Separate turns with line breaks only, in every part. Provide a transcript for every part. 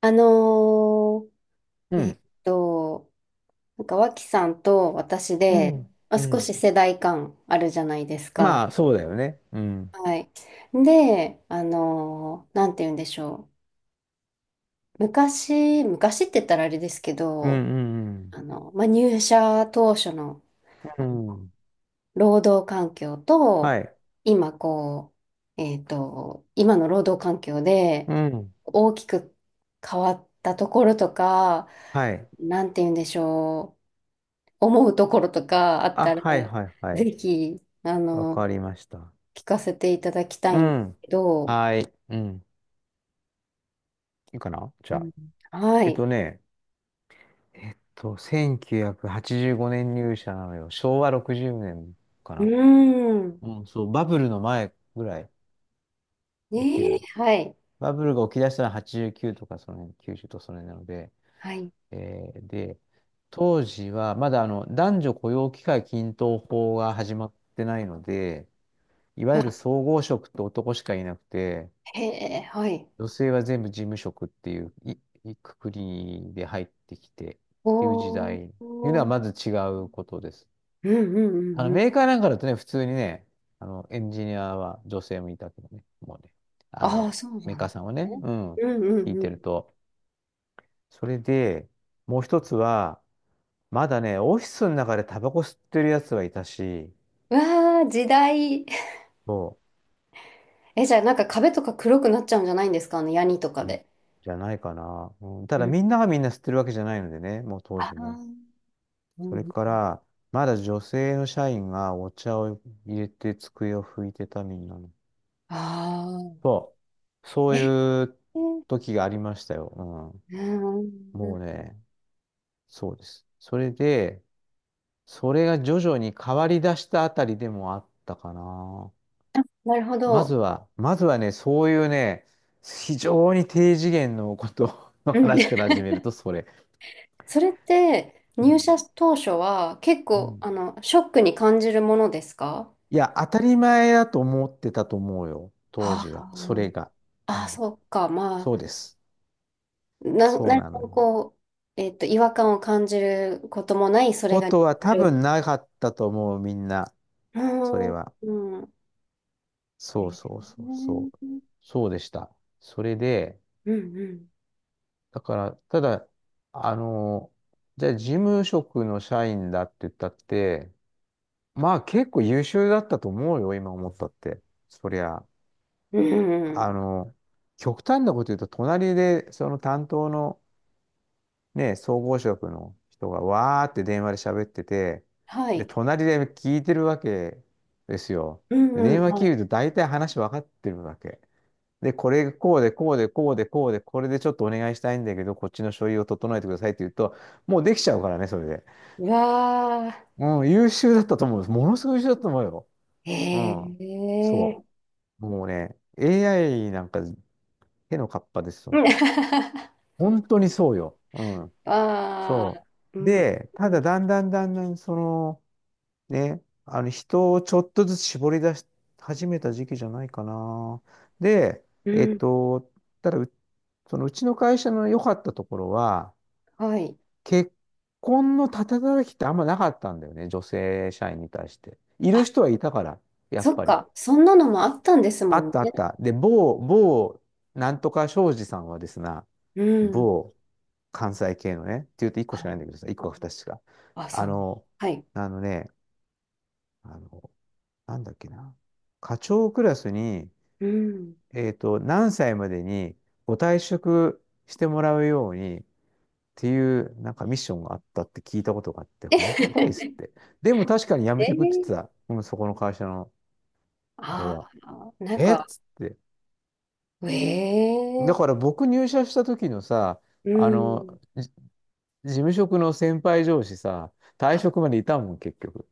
あの
う
ーえっ
ん、
と、なんか脇さんと私
う
で、
ん、
まあ、
う
少
ん。
し世代間あるじゃないですか。
まあ、そうだよね。うん。
はい。で、なんて言うんでしょう。昔、昔って言ったらあれですけ
うん、
ど、
うん、
まあ、入社当初の
うん。うん、
労働環境
は
と、
い。
今こう、えっと、今の労働環境
う
で
ん。
大きく変わったところとか、
はい。
なんて言うんでしょう。思うところとかあっ
あ、
たら、
はい、はい、は
ぜ
い。
ひ、
わかりました。
聞かせていただきた
う
いんです
ん。
けど、
はい。うん。いいかな
う
じゃ
ん、
あ。
は
えっ
い。
とね、1985年入社なのよ。昭和60年か
うー
な。
ん。
うん、そう、バブルの前ぐらい起き
ねえ、
る。
はい。
バブルが起き出したのは89とか、その辺、90とその辺なので、
はい。
えーで、当時はまだ男女雇用機会均等法が始まってないので、いわゆる
あ、
総合職って男しかいなくて、
へえ、はい。
女性は全部事務職っていう、いくくりで入ってきてっていう時
おー。
代っていうの
お
は
ー
まず違うことです。
うんうんう
あの
んうん。
メーカーなんかだとね、普通にね、あのエンジニアは女性もいたけどね、もうね、あ
ああ、
の
そう
メー
なん
カー
で
さんは
す
ね、
ね。
うん、
うんう
聞
ん
い
う
てる
ん。
と。それで、もう一つは、まだね、オフィスの中でタバコ吸ってるやつはいたし、
うわー時代。
そ
え、じゃあ、なんか壁とか黒くなっちゃうんじゃないんですかヤニとか
う、うん
で。
じゃないかな。うん、た
う
だ
ん。
みんながみんな吸ってるわけじゃないのでね、もう当
あ
時ね。
あ、う
それ
ん。
から、まだ女性の社員がお茶を入れて机を拭いてた、みんなの。
ああ。
そそう
え、
いう
うん。
時がありましたよ。うん、もうね、そうです。それで、それが徐々に変わり出したあたりでもあったかな。
なるほ
まず
ど。
は、まずはね、そういうね、非常に低次元のことの
うん、
話から始めると、それ。
それって
う
入
ん。
社当初は結
う
構
ん
ショックに感じるものですか。
いや、当たり前だと思ってたと思うよ、当時は。それ
あ
が。う
あ、あ
ん。
そっか、ま
そうです。
あ、
そう
何
なの
も
よ。
こう、違和感を感じることもない、それ
こ
が日
とは多
常。
分なかったと思う、みんな。
う
それ
ん、
は。
うん、え
そう
ー
そうそ
う
う
ん
そう。
う
そうでした。それで、
ん、
だから、ただ、あの、じゃあ事務職の社員だって言ったって、まあ結構優秀だったと思うよ、今思ったって。そりゃ、
うん、う
あ
ん、
の、極端なこと言うと、隣でその担当のね、総合職の人がわーって電話で喋ってて、
は
で、
い、
隣で聞いてるわけですよ。
うん、
で
う
電
ん、
話
は
切
い。
ると大体話分かってるわけ。で、これこうでこうでこうでこうで、これでちょっとお願いしたいんだけど、こっちの書類を整えてくださいって言うと、もうできちゃうからね、それで。
うわあ、
うん、優秀だったと思う。ものすごい優秀だったと思うよ。
え
うん。
え
そ
ー、
う。もうね、AI なんか手のかっぱですよ。本当にそうよ。うん。
あ
そ
あー、う
う。
ん
で、
う
た
ん、
だだんだんだんだん、人をちょっとずつ絞り出し始めた時期じゃないかな。で、
うんはいうんうんはいうわあえー。うああーうんう
え
んう
っ
ん
と、ただう、そのうちの会社の良かったところは、
はい。
結婚のたたたきってあんまなかったんだよね、女性社員に対して。いる人はいたから、やっ
そっ
ぱり。
か、そんなのもあったんです
あ
も
っ
ん
たあ
ね。
った。で、某、なんとか庄司さんはですね、
うん。
某関西系のね、って言うと1個しかないん
あ
だけどさ、1個か2つしか。
あ、そ
あ
う。
の、
はい。
あのね、あの、なんだっけな。課長クラスに、
うん。
何歳までにご退職してもらうようにっていう、なんかミッションがあったって聞いたことがあって、本当かいっすっ て。でも確かに辞
え
め
へへ
てくって
へ
言
え
ってた。うん、そこの会社の、俺
あ
は。
あー、なん
えっ
か、
つって。
え
だ
え
から僕入社した時のさ、
う
あの、
ん。
事務職の先輩上司さ、退
あ
職までいたもん、結局。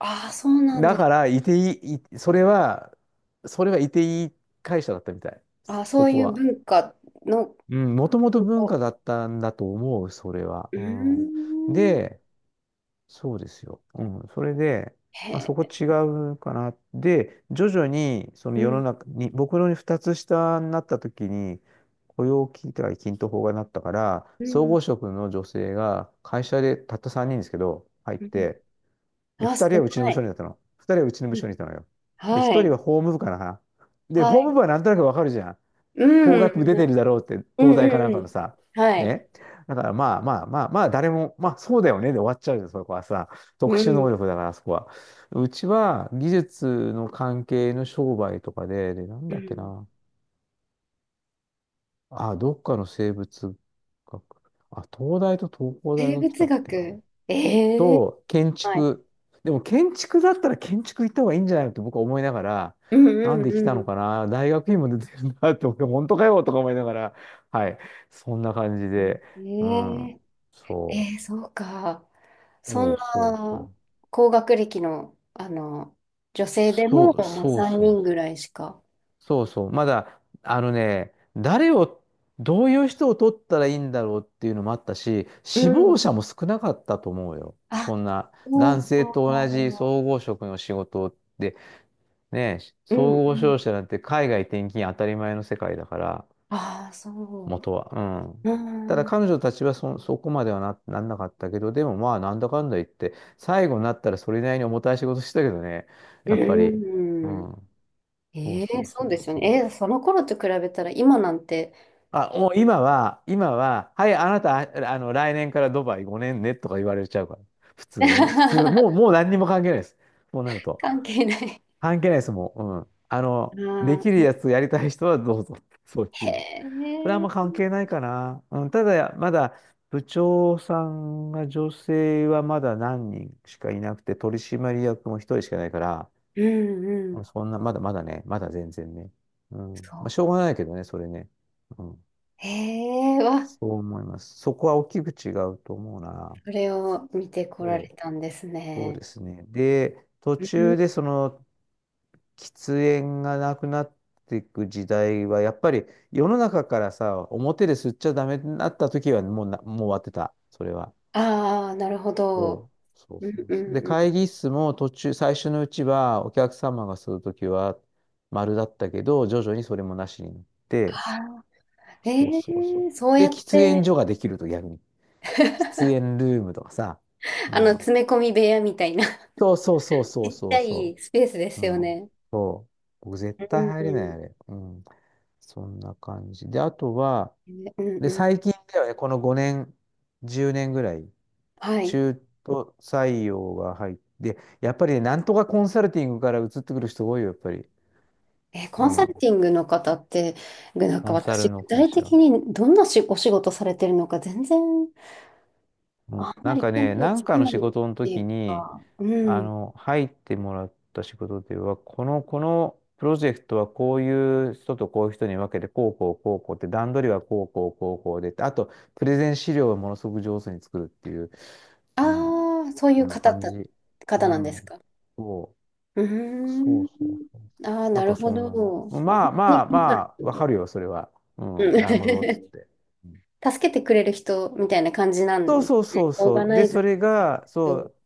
あー、そうなん
だ
です。
から、いていい、いそれは、それはいていい会社だったみたい。
あ、そ
そ
う
こ
いう
は。
文化の、
うん、もともと文
こ
化だったんだと思う、それは。
う
う
ー
ん。
ん、
で、そうですよ。うん。それで、まあ、そ
へ
こ
え、
違うかな。で、徐々に、その
う
世の
ん、
中に、僕の二つ下になった時に、雇用機会均等法がなったから、
う
総
ん、
合職の女性が会社でたった3人ですけど、入っ
うん。
て、で、
あ、少
2人はうちの
な
部署
い。
にいたの。2人はうちの
う
部署
ん、
にいたのよ。で、
は
1人
い、
は法務部かな。で、
は
法務
い。
部はなんとなくわかるじゃん。
うん、
法
うん、
学部出てるだろうって、
うん、
東大かなん
う
かの
ん。
さ、
はい。
ね。だからまあまあまあまあ、誰も、まあそうだよねで終わっちゃうよ、そこはさ。
う
特殊
ん、
能力だから、そこは。うちは技術の関係の商売とかで、で、なん
う
だっけ
ん。
な。あ、どっかの生物学。あ、東大と東工大
生
が来
物
たっけな。
学。ええ
と、建
はい。
築。でも建築だったら建築行った方がいいんじゃないのって僕は思いながら、
うん
なんで来た
う
のか
ん
な、大学院も出てるなって、俺本当かよとか思いながら、はい、そんな感じで、
う
う
ん。
ん、
ええ
そ
えー、そうか。そん
そう
な
そう。
高学歴の、あの女性で
そ
も、
う
まあ、
そう
3
そう
人
そ
ぐ
う。
らいしか。
そうそう。まだ、あのね、どういう人を取ったらいいんだろうっていうのもあったし、
う
死亡
ん。
者も少なかったと思うよ。
あ、
そんな、
そ
男
う
性
か。
と同じ総合職の仕事でねえ、
うん
総
う
合
ん。
商社なんて海外転勤当たり前の世界だから、
ああ、そ
元は。う
う。
ん。
う
た
ん。
だ
うん
彼女たちはそこまではなんなかったけど、でもまあなんだかんだ言って、最後になったらそれなりに重たい仕事してたけどね、
う
やっぱり。う
んうん。
ん。そう
ええ
そうそ
そうで
う
すよ
そ
ね。
う。
えー、その頃と比べたら今なんて。
あ、もう今は、今は、はい、あなた、あの、来年からドバイ5年ねとか言われちゃうから。普通に。普通、もう何にも関係ないです。こうなると。
関係ない。
関係ないです、もう、うん。あの、
う
できる
ん。
やつやりたい人はどうぞ。そういう。
へ
それはあんま
え。
関係ないかな。うん、ただ、まだ部長さんが女性はまだ何人しかいなくて、取締役も一人しかないから、
うんう
まあ
ん。
そんな、まだまだね、まだ全然ね。うん。
そ
ま
う。
あ、しょうがないけどね、それね。うん。
へえ、わ。
そう思います。そこは大きく違うと思うな。
それを見てこら
そ
れ
う。
たんです
そう
ね。
ですね。で、途
うん、
中でその喫煙がなくなっていく時代は、やっぱり世の中からさ、表で吸っちゃダメになった時はもうな、もう終わってた、それは。
ああ、なるほど。
そう
うん
そう
う
そう。
ん
で、
う
会
ん。
議室も途中、最初のうちはお客様が吸う時は丸だったけど、徐々にそれもなしになっ
あ
て、
あ、
そう
え
そうそう。
えそう
で、
やっ
喫煙
て
所ができると逆に。喫 煙ルームとかさ。うん。
詰め込み部屋みたいな
そうそうそうそ
ち
う
っち
そ
ゃ
うそ
いスペースで
う。
す
う
よ
ん。
ね。
そう。僕絶
う
対
ん
入
う
れない、
ん。
あれ。うん。そんな感じ。で、あとは、
うん
で、
うん。
最近ではね、この5年、10年ぐらい、
はい。
中途採用が入って、やっぱりね、なんとかコンサルティングから移ってくる人多いよ、やっぱり。
えー、コ
う
ンサル
ん。
ティングの方って、なん
コ
か
ンサ
私、
ルの
具
会
体
社。
的にどんなお仕事されてるのか全然
う
あん
ん、
ま
なん
り
か
見
ね、
当
な
つ
ん
か
かの
ないっ
仕事の
てい
時
う
に、
か、うん。
入ってもらった仕事では、このプロジェクトはこういう人とこういう人に分けて、こうこうこうこうって、段取りはこうこうこうこうで、あと、プレゼン資料をものすごく上手に作るっていう、うん、
ああ、そうい
こ
う
んな感じ。う
方なんです
ん。
か。
そ
う
そ
ー
う
ん。
そうそう。
ああ、
なん
な
か
るほ
そんなの。
ど。あ、
ま
本
あ
当
ま
に
あ
気にな
ま
るこ
あ、わか
と
るよ、それは。う
う
ん、
ん
なるほど、つっ て。うん、
助けてくれる人みたいな感じな
そう
んで
そう
す
そう
ね。オー
そ
ガ
う。
ナ
で、
イザ
そ
ーし
れ
てくれ
が、
る
そ
人。
う、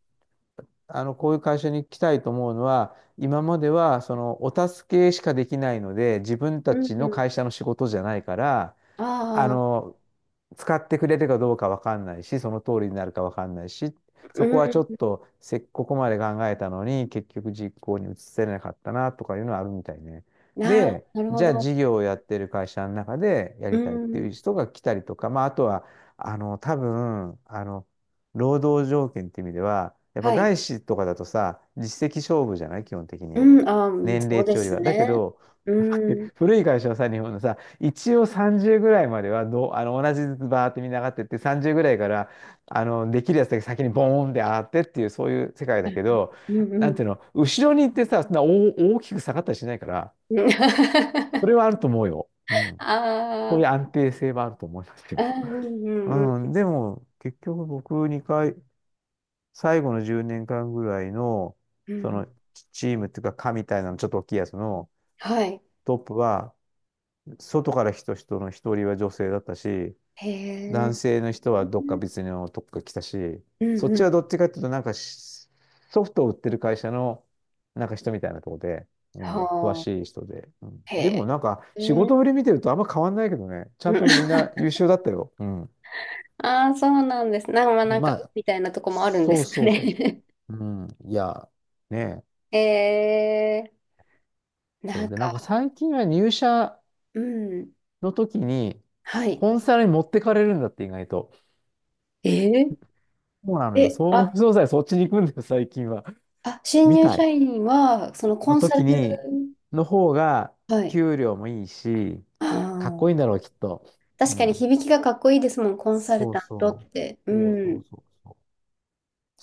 こういう会社に来たいと思うのは、今までは、その、お助けしかできないので、自分
う
た
ん。
ち
う
の会
ん
社の仕事じゃないから、あ
ああ、
の、使ってくれるかどうかわかんないし、その通りになるかわかんないし、
う
そこはちょっ
ん。
とせここまで考えたのに、結局実行に移せなかったなとかいうのはあるみたいね。で、
なるほ
じゃあ
ど。
事業をやってる会社の中でや
う
りたいってい
ん。
う人が来たりとか、まあ、あとは、多分、労働条件っていう意味では、やっぱ
はい。
外資とかだとさ、実績勝負じゃない基本的に。
うん。ああ、うん
年
そう
齢
で
値より
す
は。だけ
ね。
ど、
うん。
古い会社はさ、日本のさ、一応30ぐらいまではどう、あの、同じずつバーってみんな上がってって、30ぐらいから、できるやつだけ先にボーンって上がってっていう、そういう世界だけど、
うん
な
う
んて
ん。
いうの、後ろに行ってさ、そんな大きく下がったりしないから、
うん
それはあると思うよ。うん。そ
あ
ういう安定性はあると思います
あ、
よ。
うんうんうん
うん。でも、結局僕2回、最後の10年間ぐらいの、
う
そ
ん。
の、チームっていうか、課みたいなの、ちょっと大きいやつの
はい。
トップは、外から人の一人は女性だったし、
へえ。
男性の人はどっか別のとこから来たし、
う
そっ
んう
ちは
ん。
どっちかっていうと、なんかしソフトを売ってる会社のなんか人みたいなとこで、う
は
ん、詳
あ。
しい人で、うん。
へ
でも
え。
なんか
へえ
仕事ぶ
ー
り見てるとあんま変わんないけどね、ち
う
ゃん
ん
とみんな優秀だったよ。うん。
ああ、そうなんです。なんか、まあなんか、
ま
う
あ、
みたいなとこもあるんで
そう
すか
そうそうそ
ね。
う。うん。いや、ねえ。
えー、な
そう
ん
で、な
か、
んか最近は入社
うん、
の時に、
はい。
コンサルに持ってかれるんだって意外と。
えー、
そうなのよ。
え、
総
あ、
合商社そっちに行くんだよ、最近は。
あ、新
み
入
た
社
い。
員は、そのコ
の
ンサ
時
ル、
に、の方が、
はい。
給料もいいし、かっ
あ
こいいん
ー
だろう、きっと。
確
う
かに
ん。
響きがかっこいいですもん、コンサル
そう
タントっ
そ
て。う
う。そうそう
ん。
そうそう。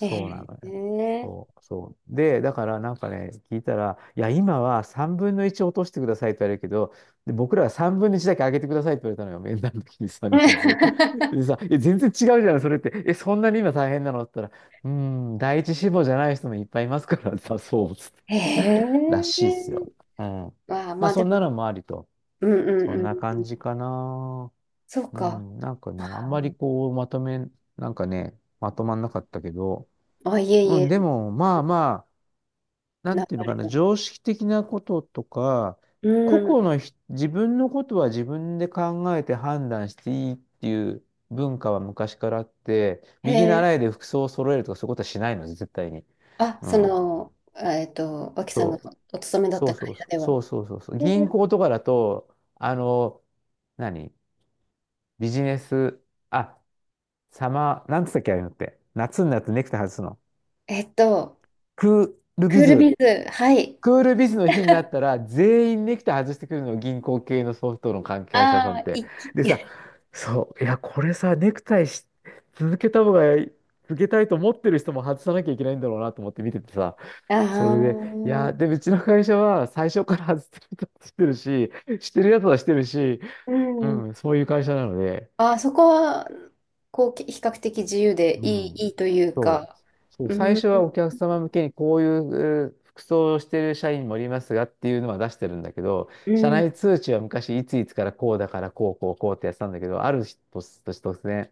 え
うなのよ。
ー、
そう、そう。で、だからなんかね、聞いたら、いや、今は3分の1落としてくださいって言われるけど、で、僕らは3分の1だけ上げてくださいって言われたのよ、面談の時にさ、人数。で さ、え、全然違うじゃない、それって。え、そんなに今大変なのって言ったら、第一志望じゃない人もいっぱいいますからさ、そうっつって、
え
らしいっすよ。
ー、
うん。
まあ、ま
まあ、
あで
そん
も、
なのもありと。
うん
そ
うん
ん
う
な
ん。
感じかな。
そう
う
か。
ん、なんかね、あんまりこう、まとめ、なんかね、まとまんなかったけど、
あ、いえい
うん、で
え、
も、まあまあ、な
流
んていうの
れ
かな、
が。
常識的なこととか、
う
個々
ん。
のひ自分のことは自分で考えて判断していいっていう文化は昔からあって、
へ
右
え
習いで服装を揃えるとかそういうことはしないので、絶対に。うん。
脇さんが
そう、
お勤めだった会社で
そ
は。
うそうそうそう。
え
銀
ー
行とかだと、何ビジネス、あ、サマー、なんつったっけ、ああいうのって。夏になってネクタイ外すの。
えっと、
クール
ク
ビ
ールビ
ズ
ズ、はい。
クールビズの日になったら、全員ネクタイ外してくるの、銀行系のソフトの関係者さんっ
ああ、
て。
一気。
でさ、そう、いや、これさ、ネクタイし続けた方が、続けたいと思ってる人も外さなきゃいけないんだろうなと思って見ててさ、
あ
それで、いや、で、
あ、
うちの会社は最初から外してる人はしてるし、してるやつはしてるし、
う
う
ん。
ん、そういう会社なので、
ああ、そこは、こう、比較的自由で
う
い
ん。
い、いいという
そう。
か。
そう、
う
最初は
ん、
お客様向けにこういう服装をしている社員もおりますがっていうのは出してるんだけど、
う
社
ん、
内通知は昔いついつからこうだからこうこうこうってやってたんだけど、ある日突然、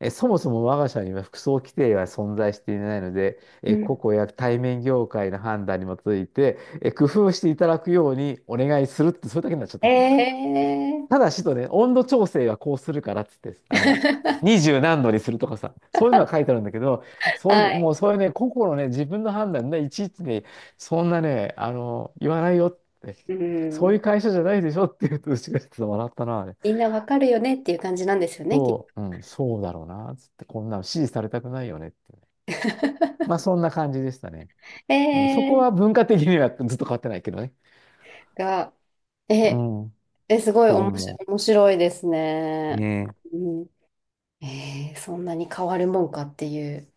え、そもそも我が社には服装規定は存在していないので、
う
え、個
ん。
々や対面業界の判断に基づいて、え、工夫していただくようにお願いするって、それだけになっちゃっ
え
た。
え
ただしとね、温度調整はこうするからっつって、二 十何度にするとかさ、そういうのが書いてあるんだけど、そうい
は
う、
い。
もうそういうね、個々のね、自分の判断で、いちいちね、そんなね、言わないよって、
う
そうい
ん。
う会社じゃないでしょって言うと、うちがちょっと笑ったな、あれ。
みんなわかるよねっていう感じなんですよね、きっと。
うん、そうだろうな、つって、こんなの指示されたくないよねって。まあ、そんな感じでしたね。うん、そ
え
こは
え
文化的にはずっと変わってないけどね。
が、
う
え、
ん、
え、すごい
そ
お
う
もし、
思
面白いです
う。
ね。
ねえ
うん。えーそんなに変わるもんかっていう。